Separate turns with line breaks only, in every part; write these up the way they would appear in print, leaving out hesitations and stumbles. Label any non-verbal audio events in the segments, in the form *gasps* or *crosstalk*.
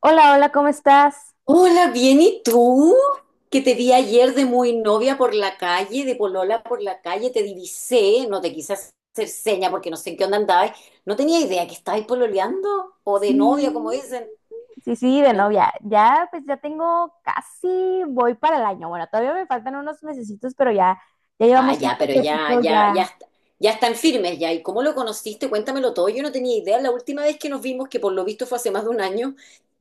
Hola, hola, ¿cómo estás?
Hola, bien, ¿y tú? Que te vi ayer de muy novia por la calle, de polola por la calle, te divisé, no te quise hacer seña porque no sé en qué onda andabas. No tenía idea que estabas pololeando o de
Sí.
novia, como dicen.
Sí, sí, de
No-
novia. Ya, pues ya tengo casi, voy para el año. Bueno, todavía me faltan unos mesecitos, pero ya, ya
Ah,
llevamos un
ya, pero ya,
tiempecito
ya, ya,
ya.
ya están firmes ya. ¿Y cómo lo conociste? Cuéntamelo todo. Yo no tenía idea. La última vez que nos vimos, que por lo visto fue hace más de un año,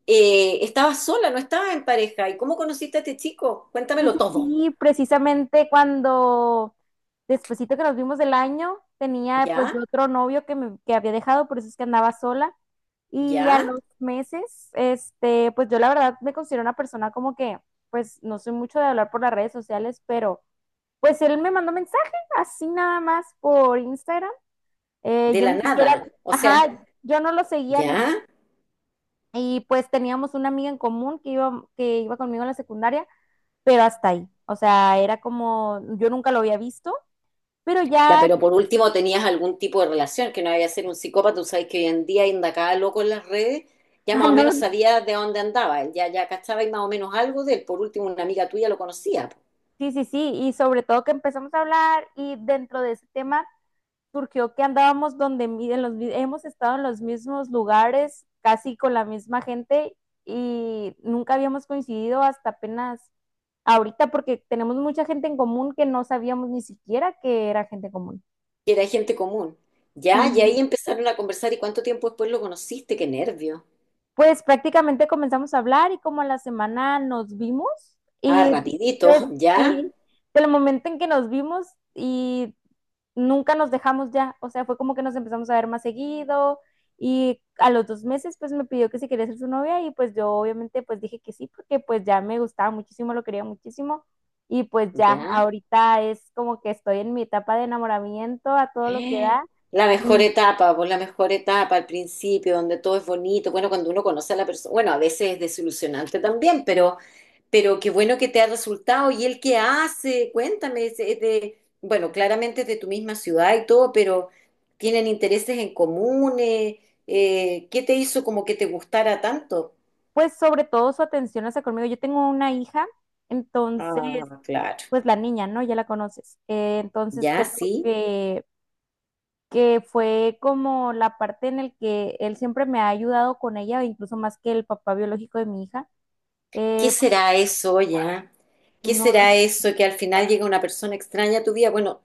estabas sola, no estabas en pareja. ¿Y cómo conociste a este chico?
Sí,
Cuéntamelo
sí,
todo.
sí, precisamente cuando, despuesito que nos vimos del año, tenía pues yo
¿Ya?
otro novio que había dejado, por eso es que andaba sola. Y a
¿Ya?
los meses, pues yo la verdad me considero una persona como que, pues no soy mucho de hablar por las redes sociales, pero pues él me mandó mensaje, así nada más por Instagram.
De
Yo
la
ni siquiera,
nada. O sea,
ajá, yo no lo seguía ni,
¿ya?
y pues teníamos una amiga en común que iba conmigo en la secundaria, pero hasta ahí. O sea, era como, yo nunca lo había visto, pero
Ya,
ya,
pero por último tenías algún tipo de relación, que no había ser un psicópata, tú sabes que hoy en día anda cada loco en las redes,
*laughs*
ya
ah,
más o
no,
menos sabía de dónde andaba, él ya, ya cachaba y más o menos algo de él, por último una amiga tuya lo conocía, po,
sí, sí, sí, y sobre todo que empezamos a hablar y dentro de ese tema surgió que andábamos donde mi- en los, mi- hemos estado en los mismos lugares, casi con la misma gente y nunca habíamos coincidido hasta apenas ahorita porque tenemos mucha gente en común que no sabíamos ni siquiera que era gente común.
que era gente común.
Sí,
Ya, y ahí empezaron a conversar y cuánto tiempo después lo conociste, qué nervio.
pues prácticamente comenzamos a hablar y como a la semana nos vimos
Ah,
y
rapidito, *laughs* ya,
sí, del momento en que nos vimos y nunca nos dejamos ya, o sea, fue como que nos empezamos a ver más seguido y a los 2 meses pues me pidió que si quería ser su novia y pues yo obviamente pues dije que sí porque pues ya me gustaba muchísimo, lo quería muchísimo y pues ya,
ya.
ahorita es como que estoy en mi etapa de enamoramiento a todo lo que
Eh,
da
La mejor
y
etapa, pues la mejor etapa al principio, donde todo es bonito, bueno, cuando uno conoce a la persona, bueno, a veces es desilusionante también, pero... Pero qué bueno que te ha resultado. ¿Y él qué hace? Cuéntame, es de, bueno, claramente es de tu misma ciudad y todo, pero ¿tienen intereses en común? ¿Qué te hizo como que te gustara tanto?
pues sobre todo su atención hacia conmigo. Yo tengo una hija, entonces
Ah, claro.
pues la niña, ¿no? Ya la conoces. Entonces
Ya,
creo
sí.
que fue como la parte en la que él siempre me ha ayudado con ella, incluso más que el papá biológico de mi hija.
¿Qué
Eh,
será eso ya? ¿Qué
no,
será eso que al final llega una persona extraña a tu vida? Bueno,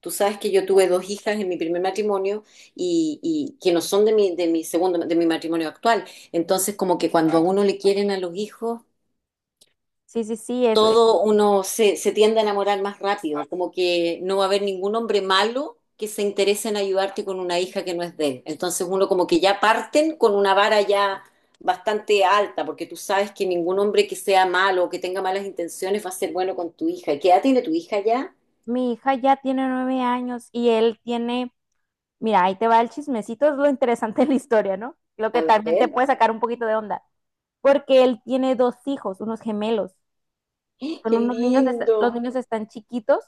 tú sabes que yo tuve dos hijas en mi primer matrimonio y que no son de mi segundo, de mi matrimonio actual. Entonces, como que cuando a uno le quieren a los hijos,
sí, sí, sí,
todo uno se tiende a enamorar más rápido, como que no va a haber ningún hombre malo que se interese en ayudarte con una hija que no es de él. Entonces uno como que ya parten con una vara ya bastante alta, porque tú sabes que ningún hombre que sea malo o que tenga malas intenciones va a ser bueno con tu hija. ¿Qué edad tiene tu hija ya?
mi hija ya tiene 9 años y él tiene, mira, ahí te va el chismecito, es lo interesante de la historia, ¿no? Lo
A
que también te
ver,
puede sacar un poquito de onda, porque él tiene dos hijos, unos gemelos.
*gasps*
Con
qué
unos niños, los
lindo.
niños están chiquitos,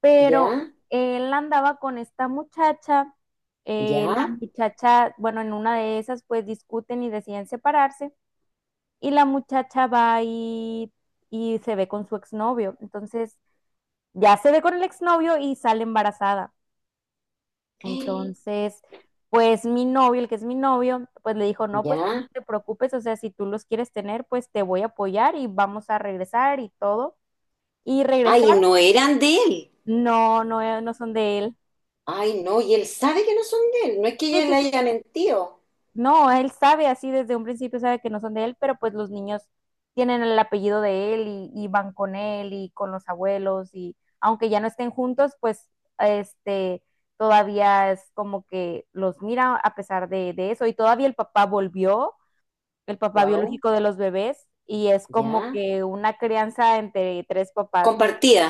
pero
¿Ya?
él andaba con esta muchacha, la
¿Ya?
muchacha, bueno, en una de esas pues discuten y deciden separarse y la muchacha va y se ve con su exnovio, entonces ya se ve con el exnovio y sale embarazada,
*gasps*
entonces... Pues mi novio, el que es mi novio, pues le dijo, no, pues tú no
¿Ya?
te preocupes, o sea, si tú los quieres tener, pues te voy a apoyar y vamos a regresar y todo. Y
Ay,
regresaron.
no eran de él.
No, no, no son de él.
Ay, no, y él sabe que no son de él. No es que
Sí,
ella
sí,
le haya
sí.
mentido.
No, él sabe así desde un principio, sabe que no son de él, pero pues los niños tienen el apellido de él y van con él y con los abuelos y aunque ya no estén juntos, pues este todavía es como que los mira a pesar de eso y todavía el papá volvió, el papá
Wow.
biológico de los bebés y es como
Ya.
que una crianza entre tres papás, ¿no?
Compartida.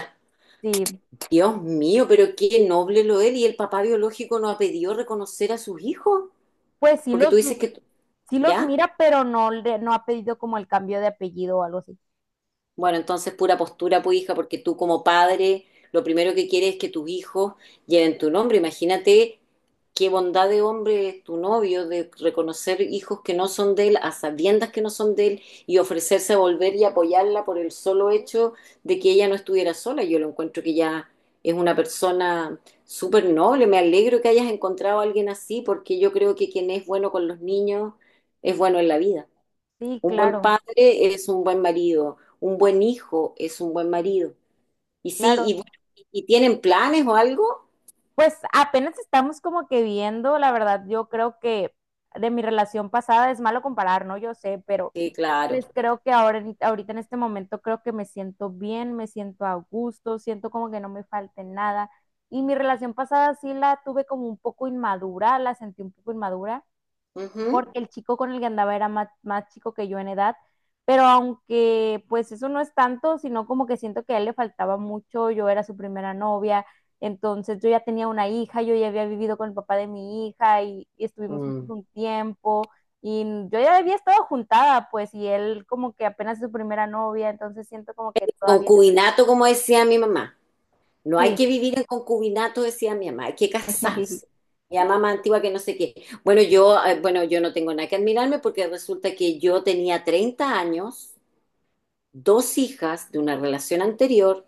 Sí,
Dios mío, pero qué noble lo él. ¿Y el papá biológico no ha pedido reconocer a sus hijos?
pues sí
Porque
los,
tú dices que...
sí los
¿Ya?
mira, pero no, no ha pedido como el cambio de apellido o algo así.
Bueno, entonces pura postura, pues hija, porque tú como padre lo primero que quieres es que tus hijos lleven tu nombre. Imagínate qué bondad de hombre es tu novio de reconocer hijos que no son de él, a sabiendas que no son de él, y ofrecerse a volver y apoyarla por el solo hecho de que ella no estuviera sola. Yo lo encuentro que ya es una persona súper noble. Me alegro que hayas encontrado a alguien así, porque yo creo que quien es bueno con los niños es bueno en la vida.
Sí,
Un buen
claro,
padre es un buen marido, un buen hijo es un buen marido. Y sí,
claro.
y, bueno, ¿Y tienen planes o algo?
Pues apenas estamos como que viendo, la verdad, yo creo que de mi relación pasada es malo comparar, ¿no? Yo sé, pero
Sí, claro.
pues creo que ahora, ahorita en este momento creo que me siento bien, me siento a gusto, siento como que no me falte nada. Y mi relación pasada sí la tuve como un poco inmadura, la sentí un poco inmadura.
Ujú.
Porque el chico con el que andaba era más chico que yo en edad, pero aunque pues eso no es tanto, sino como que siento que a él le faltaba mucho, yo era su primera novia, entonces yo ya tenía una hija, yo ya había vivido con el papá de mi hija y estuvimos juntos
Mm.
un tiempo y yo ya había estado juntada, pues, y él como que apenas es su primera novia, entonces siento como que todavía le faltaba.
Concubinato, como decía mi mamá. No hay
Sí.
que vivir en concubinato, decía mi mamá, hay que casarse.
*laughs*
Mi mamá más antigua que no sé qué. Bueno, yo, bueno, yo no tengo nada que admirarme porque resulta que yo tenía 30 años, dos hijas de una relación anterior.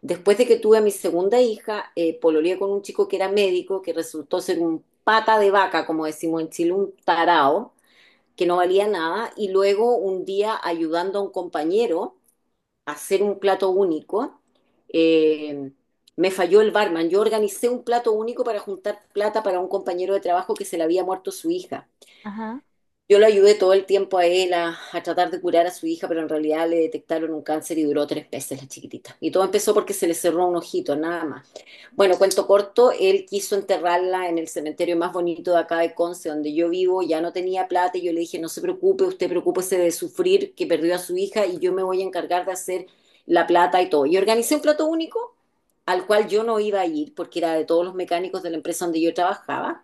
Después de que tuve a mi segunda hija, pololeé con un chico que era médico, que resultó ser un pata de vaca, como decimos en Chile, un tarao, que no valía nada, y luego un día ayudando a un compañero a hacer un plato único, eh, me falló el barman. Yo organicé un plato único para juntar plata para un compañero de trabajo que se le había muerto su hija.
Ajá,
Yo lo ayudé todo el tiempo a él a tratar de curar a su hija, pero en realidad le detectaron un cáncer y duró 3 meses la chiquitita. Y todo empezó porque se le cerró un ojito, nada más. Bueno, cuento corto, él quiso enterrarla en el cementerio más bonito de acá de Conce, donde yo vivo, ya no tenía plata y yo le dije, no se preocupe, usted preocúpese de sufrir que perdió a su hija y yo me voy a encargar de hacer la plata y todo. Y organicé un plato único al cual yo no iba a ir porque era de todos los mecánicos de la empresa donde yo trabajaba,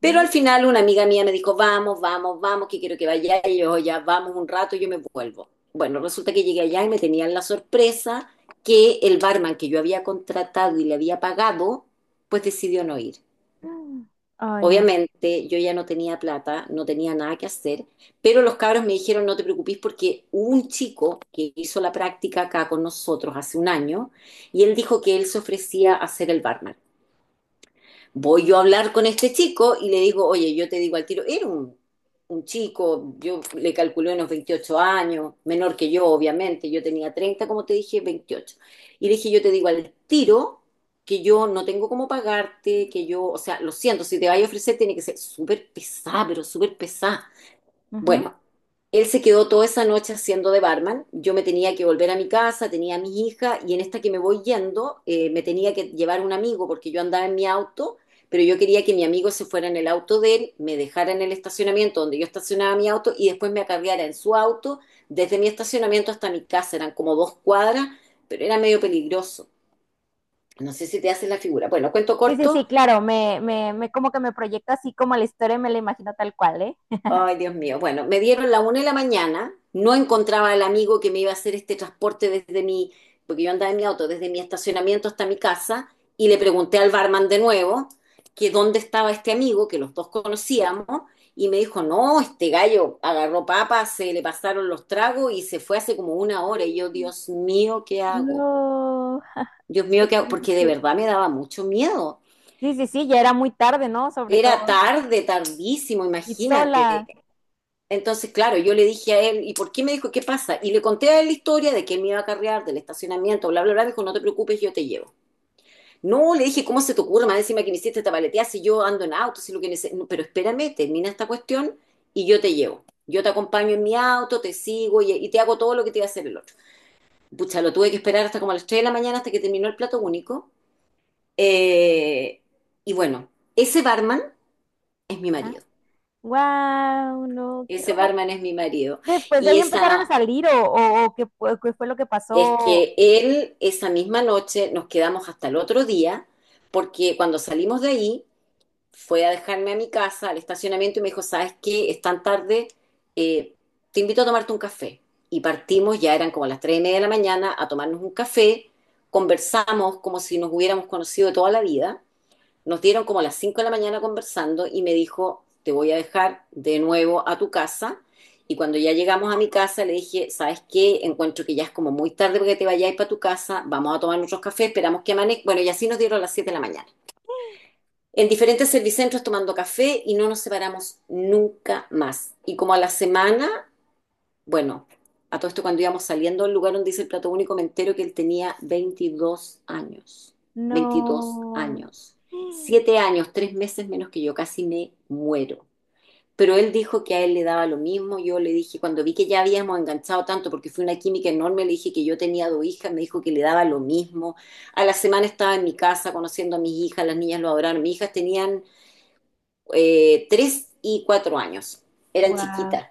pero al final una amiga mía me dijo, vamos, vamos, vamos, que quiero que vaya. Y yo, ya, vamos un rato, yo me vuelvo. Bueno, resulta que llegué allá y me tenían la sorpresa que el barman que yo había contratado y le había pagado, pues decidió no ir.
Ay, no.
Obviamente yo ya no tenía plata, no tenía nada que hacer, pero los cabros me dijeron, no te preocupes porque hubo un chico que hizo la práctica acá con nosotros hace un año y él dijo que él se ofrecía a ser el barman. Voy yo a hablar con este chico y le digo, oye, yo te digo al tiro, era un chico, yo le calculé unos 28 años, menor que yo, obviamente, yo tenía 30 como te dije, 28. Y le dije, yo te digo al tiro que yo no tengo cómo pagarte, que yo, o sea, lo siento, si te vaya a ofrecer tiene que ser súper pesada, pero súper pesada.
Ujú.
Bueno, él se quedó toda esa noche haciendo de barman. Yo me tenía que volver a mi casa, tenía a mis hijas y en esta que me voy yendo, me tenía que llevar un amigo porque yo andaba en mi auto, pero yo quería que mi amigo se fuera en el auto de él, me dejara en el estacionamiento donde yo estacionaba mi auto y después me acarreara en su auto desde mi estacionamiento hasta mi casa. Eran como 2 cuadras, pero era medio peligroso. No sé si te haces la figura. Bueno, cuento
Sí, sí,
corto.
sí, claro, me como que me proyecto así como la historia me la imagino tal cual, ¿eh?
Ay,
*laughs*
Dios mío. Bueno, me dieron la 1 de la mañana, no encontraba al amigo que me iba a hacer este transporte desde mi, porque yo andaba en mi auto, desde mi estacionamiento hasta mi casa, y le pregunté al barman de nuevo que dónde estaba este amigo, que los dos conocíamos, y me dijo, no, este gallo agarró papas, se le pasaron los tragos y se fue hace como una hora. Y yo, Dios mío, ¿qué hago?
No,
Dios
qué
mío, ¿qué hago? Porque de
triste.
verdad me daba mucho miedo.
Sí, sí, sí, ya era muy tarde, ¿no? Sobre
Era
todo.
tarde, tardísimo,
Y
imagínate.
sola.
Entonces, claro, yo le dije a él, ¿y por qué me dijo qué pasa? Y le conté a él la historia de que él me iba a carrear del estacionamiento, bla, bla, bla. Me dijo, no te preocupes, yo te llevo. No, le dije, ¿cómo se te ocurre? Más encima que me hiciste esta paleteada, si yo ando en auto, si lo que no, pero espérame, termina esta cuestión y yo te llevo. Yo te acompaño en mi auto, te sigo y te hago todo lo que te iba a hacer el otro. Pucha, lo tuve que esperar hasta como a las 3 de la mañana hasta que terminó el plato único. Eh, y bueno, ese barman es mi marido.
Wow, no, qué
Ese
romántico.
barman es mi marido.
Después de
Y
ahí empezaron a
esa
salir o qué, fue lo que
es
pasó.
que él esa misma noche nos quedamos hasta el otro día, porque cuando salimos de ahí fue a dejarme a mi casa, al estacionamiento, y me dijo, ¿sabes qué? Es tan tarde, eh, te invito a tomarte un café. Y partimos, ya eran como las 3:30 de la mañana, a tomarnos un café, conversamos como si nos hubiéramos conocido de toda la vida, nos dieron como a las 5 de la mañana conversando y me dijo, te voy a dejar de nuevo a tu casa. Y cuando ya llegamos a mi casa, le dije, ¿sabes qué? Encuentro que ya es como muy tarde porque te vayáis para tu casa, vamos a tomar nuestros cafés, esperamos que amanezca. Bueno, y así nos dieron a las 7 de la mañana. En diferentes servicentros tomando café y no nos separamos nunca más. Y como a la semana, bueno, a todo esto cuando íbamos saliendo del lugar donde hice el plato único, me entero que él tenía 22 años. veintidós
No.
años. 7 años, 3 meses menos que yo, casi me muero. Pero él dijo que a él le daba lo mismo. Yo le dije, cuando vi que ya habíamos enganchado tanto, porque fue una química enorme, le dije que yo tenía dos hijas, me dijo que le daba lo mismo. A la semana estaba en mi casa conociendo a mis hijas, las niñas lo adoraron. Mis hijas tenían, 3 y 4 años, eran
Wow.
chiquitas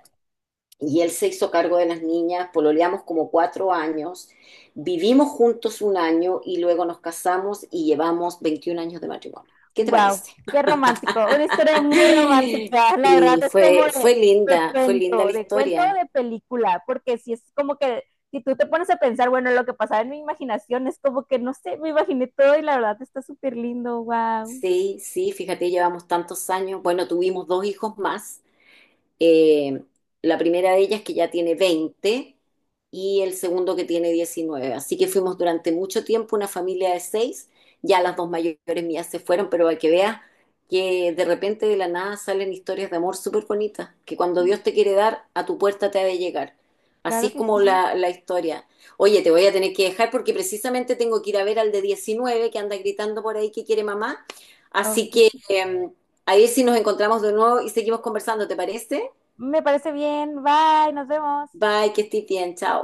y él se hizo cargo de las niñas, pololeamos como 4 años, vivimos juntos un año y luego nos casamos y llevamos 21 años de matrimonio. ¿Qué te
Wow,
parece?
qué romántico, una historia muy
*laughs*
romántica, la
Sí,
verdad es como
fue,
de,
fue
de
linda, fue linda la
cuento, de cuento o
historia.
de película, porque si es como que, si tú te pones a pensar, bueno, lo que pasaba en mi imaginación es como que, no sé, me imaginé todo y la verdad está súper lindo, wow,
Sí, sí, fíjate, llevamos tantos años. Bueno, tuvimos dos hijos más. Eh, la primera de ellas que ya tiene 20 y el segundo que tiene 19. Así que fuimos durante mucho tiempo una familia de seis. Ya las dos mayores mías se fueron, pero hay que veas que de repente de la nada salen historias de amor súper bonitas, que cuando Dios te quiere dar, a tu puerta te ha de llegar. Así
claro
es
que
como
sí,
la historia. Oye, te voy a tener que dejar porque precisamente tengo que ir a ver al de 19 que anda gritando por ahí que quiere mamá. Así que
ok,
a ver si nos encontramos de nuevo y seguimos conversando, ¿te parece?
me parece bien, bye, nos vemos.
Bye, que estés bien, chao.